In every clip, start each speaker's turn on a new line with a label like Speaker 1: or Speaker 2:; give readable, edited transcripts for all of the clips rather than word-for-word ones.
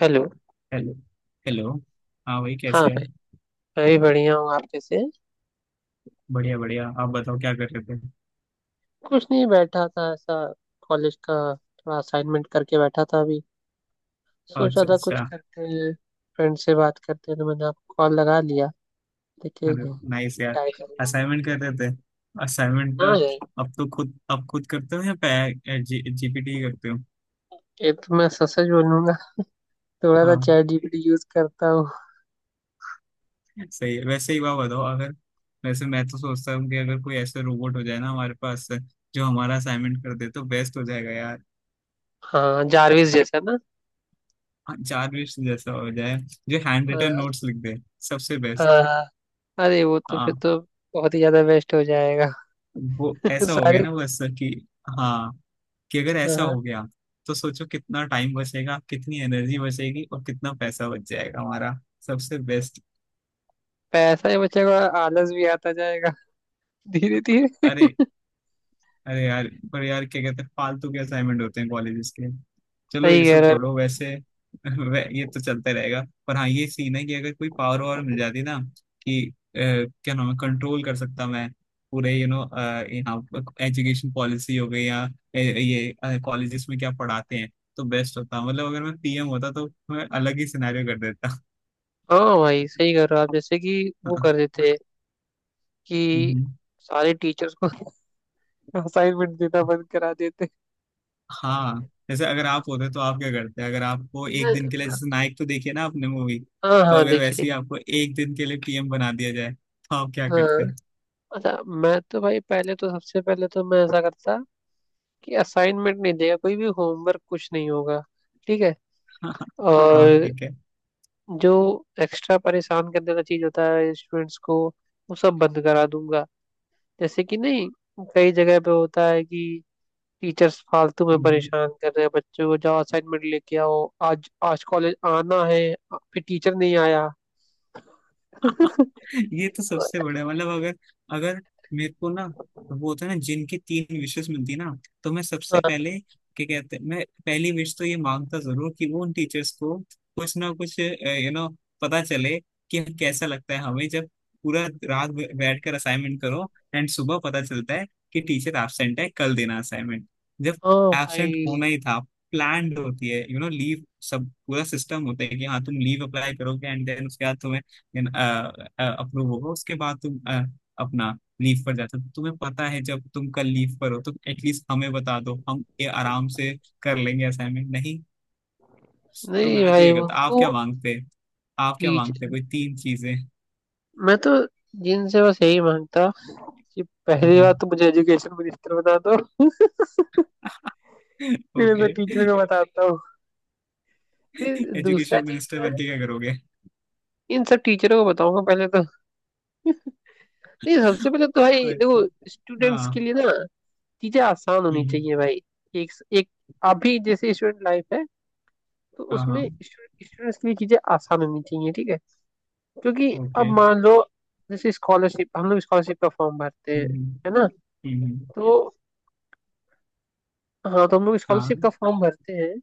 Speaker 1: Hello.
Speaker 2: Hello. Hello. हाँ भाई,
Speaker 1: हाँ,
Speaker 2: कैसे हैं?
Speaker 1: मैं भी बढ़िया हूँ। आप कैसे हैं?
Speaker 2: बढ़िया बढ़िया। आप बताओ क्या कर रहे थे?
Speaker 1: कुछ नहीं, बैठा था ऐसा। कॉलेज का थोड़ा असाइनमेंट करके बैठा था अभी। सोचा
Speaker 2: अच्छा
Speaker 1: था कुछ
Speaker 2: अच्छा।
Speaker 1: करते हैं, फ्रेंड से बात करते हैं, तो मैंने आपको कॉल लगा लिया। देखिए
Speaker 2: अरे
Speaker 1: क्या।
Speaker 2: नाइस यार।
Speaker 1: क्या ही करना है।
Speaker 2: असाइनमेंट कर रहे
Speaker 1: हम्म,
Speaker 2: थे? असाइनमेंट।
Speaker 1: हाँ यार।
Speaker 2: अब तो खुद करते हो या पे जीपीटी करते हो?
Speaker 1: ये तो मैं सच सच बोलूंगा, थोड़ा सा
Speaker 2: हाँ।
Speaker 1: चैट जीपीटी यूज करता हूँ।
Speaker 2: सही है। वैसे ही बात बताओ अगर। वैसे मैं तो सोचता हूँ कि अगर कोई ऐसा रोबोट हो जाए ना हमारे पास, जो हमारा असाइनमेंट कर दे तो बेस्ट हो जाएगा यार।
Speaker 1: हाँ, जारविस जैसा ना।
Speaker 2: चार्विश जैसा हो जाए, जो हैंड रिटन
Speaker 1: आ,
Speaker 2: नोट्स लिख दे। सबसे
Speaker 1: आ,
Speaker 2: बेस्ट।
Speaker 1: अरे वो तो फिर
Speaker 2: हाँ।
Speaker 1: तो बहुत ही ज्यादा वेस्ट हो जाएगा।
Speaker 2: वो ऐसा हो गया
Speaker 1: सारे।
Speaker 2: ना, बस कि हाँ, कि अगर ऐसा
Speaker 1: हाँ।
Speaker 2: हो गया, तो सोचो कितना टाइम बचेगा, कितनी एनर्जी बचेगी और कितना पैसा बच जाएगा हमारा। सबसे बेस्ट।
Speaker 1: पैसा ही बचेगा। आलस भी आता जाएगा धीरे धीरे।
Speaker 2: अरे अरे यार, पर यार क्या कहते हैं, फालतू के असाइनमेंट होते हैं कॉलेजेस के। चलो ये
Speaker 1: सही कह
Speaker 2: सब
Speaker 1: रहे हैं।
Speaker 2: छोड़ो वैसे। ये तो चलता रहेगा। पर हाँ, ये सीन है कि अगर कोई पावर वावर मिल जाती ना, कि क्या नाम है, कंट्रोल कर सकता मैं पूरे यहाँ, एजुकेशन पॉलिसी हो गई या ये कॉलेजेस में क्या पढ़ाते हैं। तो बेस्ट होता, मतलब अगर मैं पीएम होता तो मैं अलग ही सिनेरियो कर देता।
Speaker 1: हाँ भाई, सही कह रहे हो आप, जैसे कि वो कर देते हैं कि
Speaker 2: हम्म।
Speaker 1: सारे टीचर्स को असाइनमेंट देना बंद करा देते
Speaker 2: हाँ। जैसे अगर आप होते तो आप क्या करते, अगर आपको एक दिन के लिए,
Speaker 1: हैं।
Speaker 2: जैसे नायक, तो देखिए ना आपने मूवी।
Speaker 1: हाँ
Speaker 2: तो
Speaker 1: हाँ,
Speaker 2: अगर
Speaker 1: देखिए
Speaker 2: वैसे ही
Speaker 1: देखिए।
Speaker 2: आपको एक दिन के लिए पीएम बना दिया जाए तो आप क्या
Speaker 1: हाँ,
Speaker 2: करते?
Speaker 1: अच्छा, मैं तो भाई पहले तो, सबसे पहले तो मैं ऐसा करता कि असाइनमेंट नहीं देगा कोई भी, होमवर्क कुछ नहीं होगा, ठीक है।
Speaker 2: हाँ,
Speaker 1: और
Speaker 2: ठीक है।
Speaker 1: जो एक्स्ट्रा परेशान करने वाला चीज होता है स्टूडेंट्स को, वो सब बंद करा दूंगा। जैसे कि नहीं, कई जगह पे होता है कि टीचर्स फालतू में
Speaker 2: हम्म।
Speaker 1: परेशान कर रहे हैं बच्चों को, जाओ असाइनमेंट लेके आओ, आज आज कॉलेज आना है, फिर टीचर नहीं आया।
Speaker 2: ये तो सबसे बड़ा, मतलब अगर अगर मेरे को ना, वो होता है ना जिनकी तीन विशेष मिलती ना, तो मैं सबसे
Speaker 1: हाँ,
Speaker 2: पहले, क्या कहते हैं, मैं पहली विश तो ये मांगता जरूर कि वो उन टीचर्स को कुछ ना कुछ पता चले कि कैसा लगता है हमें जब पूरा रात बैठ कर असाइनमेंट करो, एंड सुबह पता चलता है कि टीचर एब्सेंट है, कल देना असाइनमेंट। जब
Speaker 1: हाँ
Speaker 2: एब्सेंट होना
Speaker 1: भाई।
Speaker 2: ही था, प्लान्ड होती है लीव, सब पूरा सिस्टम होता है, कि हाँ तुम लीव अप्लाई करोगे एंड देन उसके बाद तुम्हें, देन अप्रूव होगा, उसके बाद तुम अपना लीव पर जाते हो, तो तुम्हें पता है जब तुम कल लीव पर हो तो एटलीस्ट हमें बता दो, हम ये आराम से कर लेंगे, असाइनमेंट नहीं। तो
Speaker 1: नहीं
Speaker 2: मैं तो
Speaker 1: भाई,
Speaker 2: ये करता। आप
Speaker 1: उनको
Speaker 2: क्या मांगते? आप क्या
Speaker 1: टीच,
Speaker 2: मांगते कोई तीन चीजें?
Speaker 1: मैं तो जिनसे बस यही मांगता कि पहली बात तो मुझे एजुकेशन मिनिस्टर बना दो, फिर
Speaker 2: ओके।
Speaker 1: मैं टीचर को बताता हूँ। फिर दूसरा
Speaker 2: एजुकेशन
Speaker 1: चीज,
Speaker 2: मिनिस्टर
Speaker 1: मैं
Speaker 2: बन के क्या करोगे?
Speaker 1: इन सब टीचरों को बताऊंगा पहले तो। नहीं, सबसे पहले तो भाई देखो,
Speaker 2: अच्छा।
Speaker 1: स्टूडेंट्स
Speaker 2: हाँ।
Speaker 1: के लिए ना चीजें आसान होनी
Speaker 2: हम्म, हम्म।
Speaker 1: चाहिए भाई। एक एक अभी जैसे स्टूडेंट लाइफ है, तो
Speaker 2: हाँ हाँ।
Speaker 1: उसमें स्टूडेंट्स के लिए चीजें आसान होनी चाहिए, ठीक है। क्योंकि
Speaker 2: ओके।
Speaker 1: अब मान लो, जैसे स्कॉलरशिप, हम लोग स्कॉलरशिप का फॉर्म भरते
Speaker 2: हम्म,
Speaker 1: हैं,
Speaker 2: हम्म,
Speaker 1: है ना।
Speaker 2: हम्म, हम्म।
Speaker 1: तो हाँ, तो हम लोग स्कॉलरशिप का
Speaker 2: हाँ
Speaker 1: फॉर्म भरते हैं,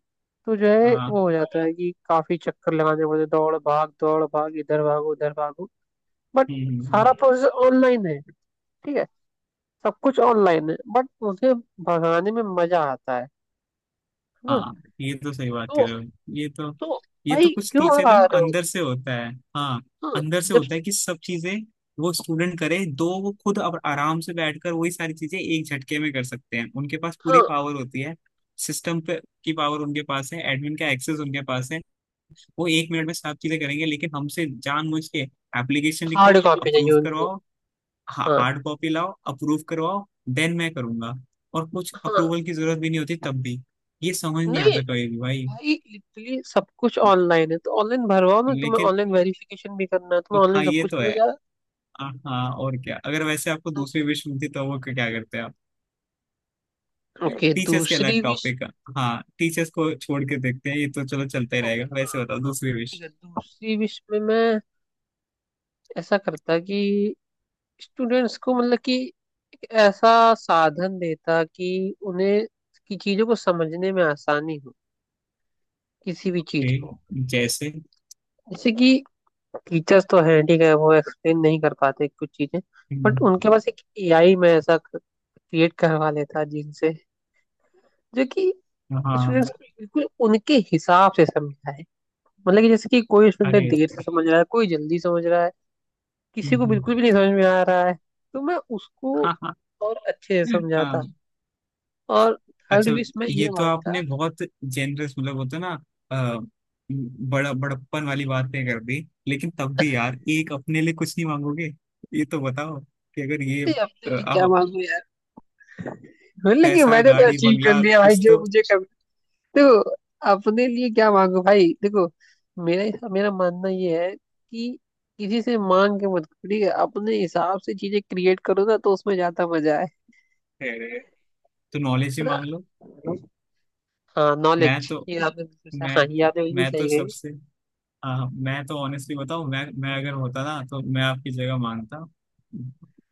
Speaker 1: तो जो है
Speaker 2: हाँ।
Speaker 1: वो हो जाता है कि काफी चक्कर लगाने पड़ते हैं, दौड़ भाग दौड़ भाग, इधर भागो उधर भागो। बट
Speaker 2: हम्म, हम्म, हम्म।
Speaker 1: सारा प्रोसेस ऑनलाइन है, ठीक है, सब कुछ ऑनलाइन है, बट उसे भगाने में मजा आता है ना।
Speaker 2: हाँ, ये तो सही बात कर
Speaker 1: तो
Speaker 2: रहे हो। ये तो
Speaker 1: तो
Speaker 2: ये
Speaker 1: भाई
Speaker 2: तो कुछ
Speaker 1: क्यों
Speaker 2: टीचर का
Speaker 1: हरा
Speaker 2: ना
Speaker 1: रहे हो?
Speaker 2: अंदर से होता है। हाँ।
Speaker 1: हाँ,
Speaker 2: अंदर से
Speaker 1: जब,
Speaker 2: होता है कि सब चीजें, वो स्टूडेंट करे, दो, वो खुद अब आराम से बैठकर वही सारी चीजें एक झटके में कर सकते हैं, उनके पास पूरी
Speaker 1: हाँ,
Speaker 2: पावर होती है सिस्टम पे। की पावर उनके पास है, एडमिन का एक्सेस उनके पास है। वो एक मिनट में सब चीजें करेंगे, लेकिन हमसे जानबूझ के एप्लीकेशन लिखो,
Speaker 1: हार्ड कॉपी चाहिए
Speaker 2: अप्रूव
Speaker 1: उनको।
Speaker 2: करवाओ,
Speaker 1: हाँ
Speaker 2: हार्ड कॉपी लाओ, अप्रूव करवाओ, देन मैं करूंगा। और कुछ
Speaker 1: हाँ।
Speaker 2: अप्रूवल की जरूरत भी नहीं होती तब भी। ये समझ नहीं
Speaker 1: नहीं
Speaker 2: आता कभी भी भाई।
Speaker 1: भाई, लिटरली सब कुछ ऑनलाइन है तो ऑनलाइन भरवाओ ना, तुम्हें
Speaker 2: लेकिन
Speaker 1: ऑनलाइन वेरिफिकेशन भी करना है, तुम्हें
Speaker 2: हाँ,
Speaker 1: ऑनलाइन सब
Speaker 2: ये
Speaker 1: कुछ
Speaker 2: तो
Speaker 1: करना
Speaker 2: है।
Speaker 1: ज्यादा।
Speaker 2: हाँ हाँ, और क्या? अगर वैसे आपको दूसरी विश मिलती तो वो क्या करते आप?
Speaker 1: ओके,
Speaker 2: टीचर्स के अलग
Speaker 1: दूसरी विश।
Speaker 2: टॉपिक, हाँ, टीचर्स को छोड़ के देखते हैं, ये तो चलो चलता ही
Speaker 1: ओके,
Speaker 2: रहेगा,
Speaker 1: हाँ।
Speaker 2: वैसे बताओ
Speaker 1: हाँ
Speaker 2: दूसरी
Speaker 1: तो ठीक
Speaker 2: विश।
Speaker 1: है, दूसरी विश में मैं ऐसा करता कि स्टूडेंट्स को, मतलब कि एक ऐसा साधन देता कि उन्हें की चीजों को समझने में आसानी हो, किसी भी चीज को।
Speaker 2: ठीक। जैसे।
Speaker 1: जैसे कि टीचर्स तो हैं, ठीक है, वो एक्सप्लेन नहीं कर पाते कुछ चीजें, बट
Speaker 2: हम्म।
Speaker 1: उनके पास एक एआई में ऐसा क्रिएट करवा लेता है जिनसे, जो कि
Speaker 2: हाँ।
Speaker 1: स्टूडेंट्स को बिल्कुल उनके हिसाब से समझाए। मतलब कि जैसे कि कोई स्टूडेंट
Speaker 2: अरे।
Speaker 1: देर से समझ रहा है, कोई जल्दी समझ रहा है, किसी को
Speaker 2: हम्म।
Speaker 1: बिल्कुल भी नहीं समझ में आ रहा है, तो मैं उसको
Speaker 2: हाँ हाँ
Speaker 1: और अच्छे से
Speaker 2: हाँ।
Speaker 1: समझाता। और थर्ड
Speaker 2: अच्छा।
Speaker 1: विश मैं ये
Speaker 2: ये तो
Speaker 1: मांगता
Speaker 2: आपने बहुत जेनरस, मतलब होता है ना, अ, बड़ा बड़प्पन वाली बातें कर दी। लेकिन तब भी यार, एक अपने लिए कुछ नहीं मांगोगे? ये तो बताओ। कि अगर ये
Speaker 1: कि अपने लिए क्या मांगू यार। मतलब कि
Speaker 2: पैसा,
Speaker 1: मैंने तो
Speaker 2: गाड़ी,
Speaker 1: अचीव कर
Speaker 2: बंगला,
Speaker 1: लिया भाई
Speaker 2: कुछ
Speaker 1: जो
Speaker 2: तो।
Speaker 1: मुझे। देखो, अपने लिए क्या मांगो भाई, देखो, मेरा मेरा मानना ये है कि किसी से मांग के मत करो, ठीक है, अपने हिसाब से चीजें क्रिएट करो ना तो उसमें ज्यादा मजा आए,
Speaker 2: है, तो नॉलेज ही
Speaker 1: है ना।
Speaker 2: मांग लो।
Speaker 1: हाँ,
Speaker 2: मैं
Speaker 1: नॉलेज,
Speaker 2: तो
Speaker 1: ये आपने बिल्कुल सही- हाँ,
Speaker 2: मैं
Speaker 1: ये
Speaker 2: तो
Speaker 1: आपने बिल्कुल
Speaker 2: मैं तो
Speaker 1: सही कही।
Speaker 2: सबसे, हाँ मैं तो ऑनेस्टली बताऊं, मैं अगर होता ना, तो मैं आपकी जगह मांगता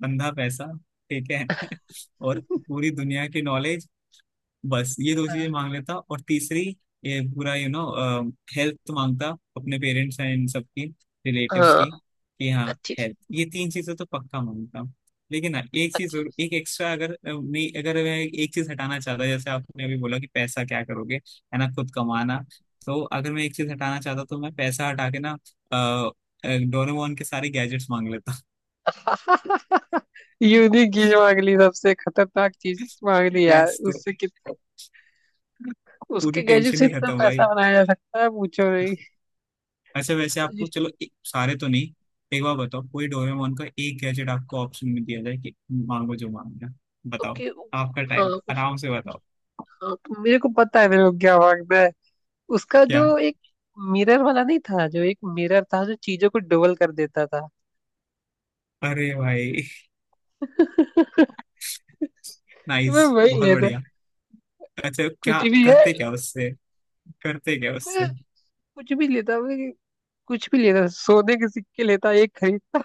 Speaker 2: बंधा पैसा, ठीक है। और पूरी दुनिया की नॉलेज। बस ये दो चीजें
Speaker 1: हाँ
Speaker 2: मांग लेता। और तीसरी ये पूरा हेल्थ मांगता, अपने पेरेंट्स एंड सबकी रिलेटिव्स
Speaker 1: हाँ,
Speaker 2: की, कि हाँ,
Speaker 1: अच्छी
Speaker 2: हेल्थ। ये तीन चीजें तो पक्का मांगता। लेकिन ना एक चीज
Speaker 1: अच्छी।
Speaker 2: जरूर, एक एक्स्ट्रा, अगर नहीं, अगर मैं एक चीज हटाना चाहता, जैसे आपने अभी बोला कि पैसा क्या करोगे, है ना, खुद कमाना। तो अगर मैं एक चीज हटाना चाहता तो मैं पैसा हटा के ना, डोरेमोन के सारे गैजेट्स मांग लेता।
Speaker 1: यूनिक चीज मांग ली, सबसे खतरनाक चीज मांग ली यार,
Speaker 2: बेस्ट।
Speaker 1: उससे कितना,
Speaker 2: पूरी
Speaker 1: उसके गैजेट
Speaker 2: टेंशन
Speaker 1: से
Speaker 2: ही
Speaker 1: इतना
Speaker 2: खत्म भाई।
Speaker 1: पैसा बनाया जा सकता है, पूछो नहीं।
Speaker 2: ऐसे वैसे आपको चलो एक, सारे तो नहीं, एक बार बताओ कोई डोरेमोन का एक गैजेट आपको ऑप्शन में दिया जाए कि मांगो जो मांगना है। बताओ।
Speaker 1: उसके,
Speaker 2: आपका
Speaker 1: हाँ,
Speaker 2: टाइम है,
Speaker 1: उस,
Speaker 2: आराम से बताओ।
Speaker 1: हाँ तो मेरे को पता है मेरे को क्या मांगना है। उसका
Speaker 2: क्या?
Speaker 1: जो, एक मिरर वाला नहीं था, जो एक मिरर था जो चीजों को डबल कर देता था,
Speaker 2: अरे भाई।
Speaker 1: तो
Speaker 2: नाइस।
Speaker 1: मैं वही
Speaker 2: बहुत
Speaker 1: लेता।
Speaker 2: बढ़िया। अच्छा, क्या
Speaker 1: कुछ भी है।
Speaker 2: करते क्या उससे? करते क्या
Speaker 1: मैं
Speaker 2: उससे?
Speaker 1: कुछ भी लेता, मैं कुछ भी लेता, सोने के सिक्के लेता, एक खरीदता,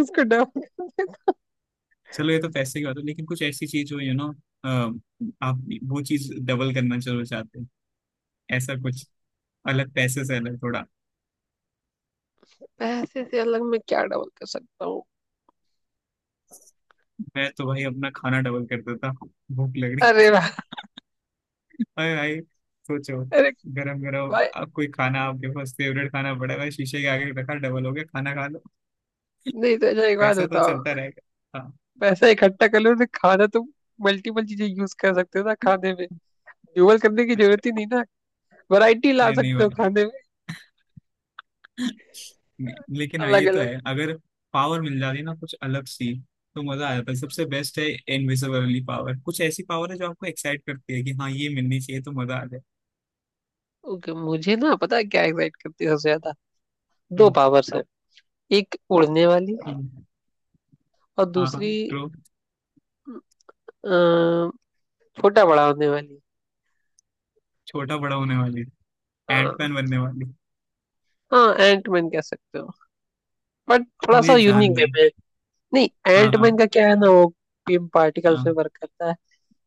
Speaker 1: उसको डबल।
Speaker 2: चलो ये तो पैसे की बात है, लेकिन कुछ ऐसी चीज हो आप वो चीज डबल करना चलो चाहते हैं, ऐसा कुछ अलग, पैसे से अलग, थोड़ा।
Speaker 1: पैसे से अलग मैं क्या डबल कर सकता हूँ?
Speaker 2: मैं तो भाई अपना खाना डबल कर देता। भूख लग रही।
Speaker 1: अरे भाई,
Speaker 2: अरे भाई, सोचो,
Speaker 1: अरे
Speaker 2: गरम गरम।
Speaker 1: भाई।
Speaker 2: अब कोई खाना आपके पास, फेवरेट खाना पड़ा है, शीशे के आगे रखा, डबल हो गया, खाना खा लो।
Speaker 1: नहीं तो अच्छा, एक बात
Speaker 2: पैसा तो
Speaker 1: बताओ,
Speaker 2: चलता रहेगा। हाँ।
Speaker 1: पैसा इकट्ठा कर लो तो खाना तो मल्टीपल चीजें यूज कर सकते हो ना खाने में, डबल करने की जरूरत ही नहीं ना, वैरायटी ला
Speaker 2: अरे नहीं
Speaker 1: सकते
Speaker 2: भाई।
Speaker 1: हो खाने में,
Speaker 2: लेकिन हाँ,
Speaker 1: अलग
Speaker 2: ये तो
Speaker 1: अलग।
Speaker 2: है अगर पावर मिल जाती ना कुछ अलग सी, तो मजा आ जाता है, सबसे बेस्ट है। इनविजिबिलिटी पावर, कुछ ऐसी पावर है जो आपको एक्साइट करती है कि हाँ ये मिलनी चाहिए तो मजा आ जाए।
Speaker 1: ओके, मुझे ना पता है क्या एक्साइट करती है सबसे ज्यादा। दो
Speaker 2: हम्म,
Speaker 1: पावर्स है एक उड़ने वाली
Speaker 2: हम्म।
Speaker 1: और
Speaker 2: हाँ हाँ
Speaker 1: दूसरी
Speaker 2: ट्रू।
Speaker 1: अ, छोटा बड़ा होने वाली।
Speaker 2: छोटा बड़ा होने वाली।
Speaker 1: हाँ।
Speaker 2: एंटमैन बनने वाली।
Speaker 1: हाँ, एंटमैन कह सकते हो, बट थोड़ा सा
Speaker 2: मुझे
Speaker 1: यूनिक
Speaker 2: जानना
Speaker 1: वे
Speaker 2: है।
Speaker 1: में है। नहीं,
Speaker 2: हाँ
Speaker 1: एंटमैन
Speaker 2: हाँ।
Speaker 1: का क्या है ना, वो बीम पार्टिकल्स में
Speaker 2: हाँ।
Speaker 1: वर्क करता है।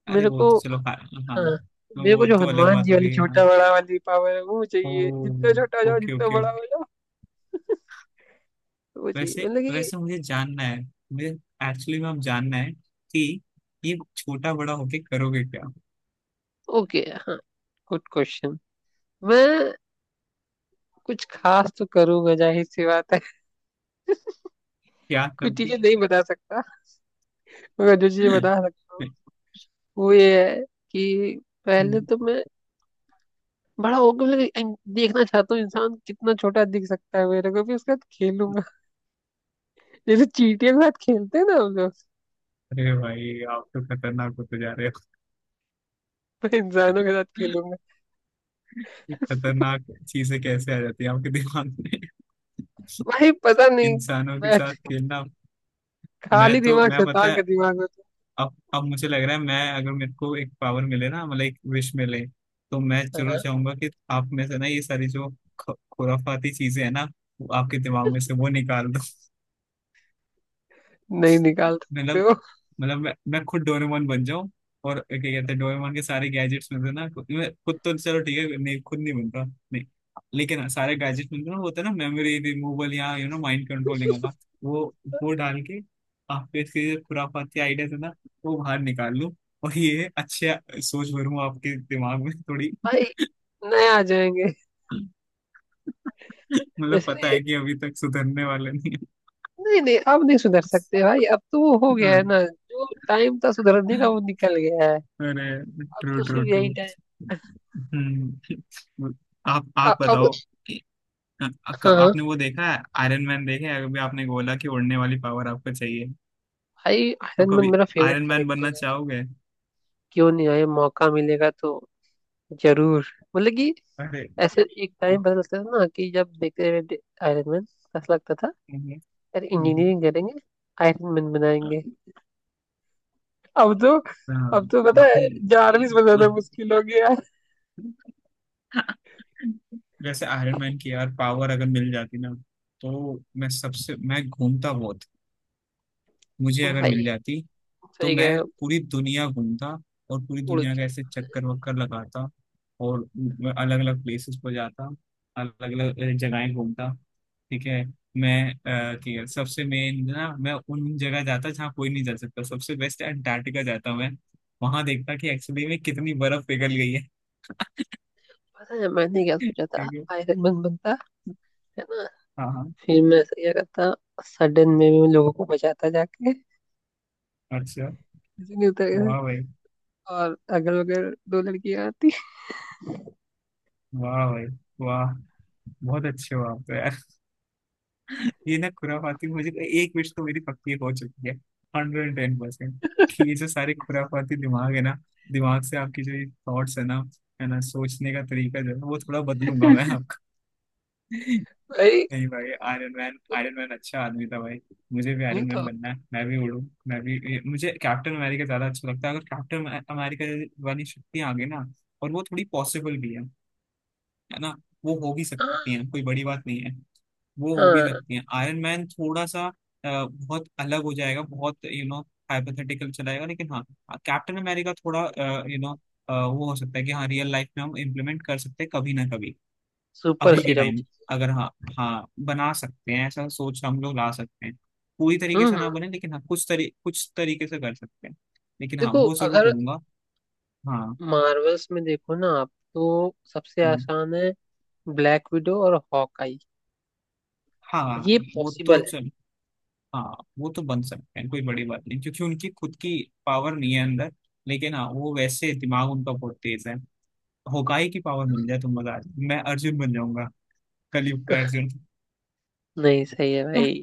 Speaker 2: अरे
Speaker 1: मेरे
Speaker 2: वो तो
Speaker 1: को,
Speaker 2: चलो, हाँ हाँ,
Speaker 1: हाँ,
Speaker 2: तो
Speaker 1: मेरे को
Speaker 2: वो
Speaker 1: जो
Speaker 2: तो अलग
Speaker 1: हनुमान
Speaker 2: बात
Speaker 1: जी
Speaker 2: हो
Speaker 1: वाली
Speaker 2: गई है हाँ।
Speaker 1: छोटा बड़ा वाली पावर है वो
Speaker 2: ओ,
Speaker 1: चाहिए, जितना छोटा हो जाओ
Speaker 2: ओके
Speaker 1: जितना
Speaker 2: ओके।
Speaker 1: बड़ा हो जाओ, वो चाहिए,
Speaker 2: वैसे
Speaker 1: मतलब कि।
Speaker 2: वैसे मुझे जानना है, मुझे एक्चुअली में अब जानना है, कि ये छोटा बड़ा होके करोगे क्या?
Speaker 1: ओके। हाँ, गुड क्वेश्चन। मैं कुछ खास तो करूंगा, जाहिर सी बात है।
Speaker 2: क्या
Speaker 1: कुछ
Speaker 2: करोगे?
Speaker 1: चीजें नहीं बता सकता, मगर जो चीजें बता सकता हूँ वो ये है कि पहले तो मैं बड़ा होकर मतलब देखना चाहता हूँ इंसान कितना छोटा दिख सकता है, मेरे को भी, उसके साथ खेलूंगा। जैसे चींटियों के साथ खेलते हैं ना हम लोग,
Speaker 2: अरे भाई, आप तो खतरनाक होते जा रहे हो।
Speaker 1: मैं इंसानों के साथ खेलूंगा।
Speaker 2: ये खतरनाक चीजें कैसे आ जाती है आपके दिमाग में?
Speaker 1: भाई पता नहीं,
Speaker 2: इंसानों के
Speaker 1: मैं
Speaker 2: साथ खेलना। मैं
Speaker 1: खाली
Speaker 2: तो
Speaker 1: दिमाग
Speaker 2: मैं पता
Speaker 1: शैतान का
Speaker 2: है,
Speaker 1: दिमाग होता
Speaker 2: अब मुझे लग रहा है, मैं अगर मेरे को एक पावर मिले ना, मतलब एक विश मिले, तो मैं
Speaker 1: है।
Speaker 2: जरूर
Speaker 1: हाँ।
Speaker 2: चाहूंगा कि आप में से ना ये सारी जो खुराफाती चीजें हैं ना, वो आपके दिमाग में से वो निकाल दो।
Speaker 1: नहीं निकाल सकते
Speaker 2: मतलब,
Speaker 1: हो
Speaker 2: मतलब मैं खुद डोरेमोन बन जाऊं, और क्या कहते हैं डोरेमोन के सारे गैजेट्स मिलते हैं ना, खुद मैं, खुद तो चलो ठीक है, नहीं खुद नहीं बनता, नहीं, लेकिन हाँ, सारे गैजेट्स मिलते हैं ना, वो होता है ना, मेमोरी रिमूवल या माइंड कंट्रोलिंग वाला, वो वो डाल के आपके इसके जो खुराफाती आइडियाज है ना, वो बाहर निकाल लूं और ये अच्छे सोच भरूं आपके दिमाग में थोड़ी।
Speaker 1: भाई, नए आ जाएंगे।
Speaker 2: मतलब पता
Speaker 1: इसलिए
Speaker 2: है कि अभी तक सुधरने वाला नहीं
Speaker 1: नहीं नहीं नहीं, अब नहीं सुधर सकते भाई, अब तो वो हो गया
Speaker 2: है।
Speaker 1: है ना, जो टाइम था सुधरने का
Speaker 2: हाँ।
Speaker 1: वो निकल गया है।
Speaker 2: अरे।
Speaker 1: अब
Speaker 2: ट्रू
Speaker 1: तो
Speaker 2: ट्रू
Speaker 1: सिर्फ
Speaker 2: ट्रू।
Speaker 1: यही टाइम।
Speaker 2: हम्म। आप
Speaker 1: अब।
Speaker 2: बताओ कि
Speaker 1: हाँ
Speaker 2: आपने वो देखा है, आयरन मैन देखा है? अभी आपने बोला कि उड़ने वाली पावर आपको चाहिए
Speaker 1: भाई,
Speaker 2: तो
Speaker 1: आयरन मैन
Speaker 2: कभी
Speaker 1: मेरा फेवरेट
Speaker 2: आयरन मैन बनना
Speaker 1: कैरेक्टर है।
Speaker 2: चाहोगे?
Speaker 1: क्यों नहीं, आए मौका मिलेगा तो जरूर, मतलब कि।
Speaker 2: अरे
Speaker 1: ऐसे एक
Speaker 2: हम्म,
Speaker 1: टाइम पता लगता था ना कि जब देखते रहे आयरन मैन, ऐसा लगता था यार
Speaker 2: हम्म,
Speaker 1: इंजीनियरिंग करेंगे, आयरन मैन बनाएंगे। अब तो
Speaker 2: हाँ।
Speaker 1: अब तो पता है जार्विस बनाना मुश्किल हो गया है।
Speaker 2: वैसे आयरन मैन की यार पावर अगर मिल जाती ना, तो मैं सबसे, मैं घूमता बहुत। मुझे अगर मिल
Speaker 1: भाई
Speaker 2: जाती तो
Speaker 1: सही कह रहे
Speaker 2: मैं
Speaker 1: हो,
Speaker 2: पूरी दुनिया घूमता और पूरी
Speaker 1: उड़
Speaker 2: दुनिया
Speaker 1: के।
Speaker 2: का ऐसे चक्कर वक्कर लगाता और अलग अलग प्लेसेस पर जाता, अलग अलग जगहें घूमता। ठीक है। मैं ठीक है, सबसे मेन ना, मैं उन जगह जाता जहाँ कोई नहीं जा सकता, सबसे बेस्ट अंटार्कटिका जाता मैं, वहां देखता कि एक्चुअली में कितनी बर्फ पिघल गई है।
Speaker 1: पता है मैंने क्या
Speaker 2: ठीक
Speaker 1: सोचा था?
Speaker 2: है।
Speaker 1: आयरन मैन बनता, है ना,
Speaker 2: हाँ हाँ।
Speaker 1: फिर मैं ऐसा क्या करता, सडन में मैं लोगों को बचाता जाके,
Speaker 2: अच्छा।
Speaker 1: ऐसे नहीं होता है।
Speaker 2: वाह भाई,
Speaker 1: और अगल बगल दो लड़कियां आती।
Speaker 2: वाह भाई, वाह, बहुत अच्छे हो आप तो यार। ये ना खुराफाती मुझे, एक विश तो मेरी पक्की हो चुकी है 110%, कि ये जो सारे खुराफाती दिमाग है ना, दिमाग से आपकी जो थॉट्स है ना, है ना, सोचने का तरीका जो है ना, वो थोड़ा बदलूंगा मैं आपका।
Speaker 1: अरे
Speaker 2: नहीं भाई, आयरन मैन, आयरन मैन अच्छा आदमी था भाई, मुझे भी
Speaker 1: नहीं
Speaker 2: आयरन मैन
Speaker 1: तो।
Speaker 2: बनना है, मैं भी उड़ूं। मैं भी मुझे कैप्टन अमेरिका ज्यादा अच्छा लगता है, अगर कैप्टन अमेरिका वाली शक्ति आ गई ना, और वो थोड़ी पॉसिबल भी है ना, वो हो भी सकती
Speaker 1: हाँ
Speaker 2: हैं, कोई बड़ी बात नहीं है, वो हो भी
Speaker 1: हाँ।
Speaker 2: सकती हैं। आयरन मैन थोड़ा सा बहुत अलग हो जाएगा, बहुत हाइपोथेटिकल चलाएगा, लेकिन हाँ, कैप्टन अमेरिका थोड़ा यू नो वो हो सकता है कि हाँ रियल लाइफ में हम इम्प्लीमेंट कर सकते हैं कभी ना कभी।
Speaker 1: सुपर
Speaker 2: अभी के
Speaker 1: सीरम।
Speaker 2: टाइम अगर, हाँ, हाँ, बना सकते हैं, ऐसा सोच हम लोग ला सकते हैं, पूरी
Speaker 1: हम्म
Speaker 2: तरीके से ना
Speaker 1: हम्म।
Speaker 2: बने, लेकिन हाँ, कुछ तरीके से कर सकते हैं। लेकिन हाँ
Speaker 1: देखो
Speaker 2: वो जरूर
Speaker 1: अगर
Speaker 2: करूंगा। हाँ
Speaker 1: मार्वल्स में देखो ना, आप तो सबसे
Speaker 2: हाँ
Speaker 1: आसान है ब्लैक विडो और हॉकआई,
Speaker 2: हाँ।
Speaker 1: ये
Speaker 2: वो तो
Speaker 1: पॉसिबल है।
Speaker 2: चल हाँ वो तो बन सकते हैं, कोई बड़ी बात नहीं, क्योंकि उनकी खुद की पावर नहीं है अंदर। लेकिन हाँ, वो वैसे दिमाग उनका बहुत तेज है। होकाई की पावर मिल जाए तो मजा आ जाए, मैं अर्जुन बन जाऊंगा, कलयुग का अर्जुन।
Speaker 1: नहीं, सही है भाई,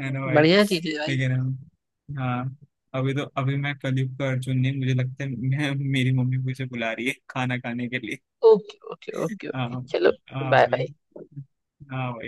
Speaker 2: है ना भाई?
Speaker 1: बढ़िया चीज है भाई।
Speaker 2: लेकिन हाँ, अभी तो अभी मैं कलयुग का अर्जुन नहीं, मुझे लगता है मैं, मेरी मम्मी मुझे बुला रही है खाना खाने के लिए।
Speaker 1: ओके ओके ओके
Speaker 2: हाँ।
Speaker 1: ओके चलो।
Speaker 2: हाँ
Speaker 1: बाय
Speaker 2: भाई।
Speaker 1: बाय।
Speaker 2: हाँ भाई।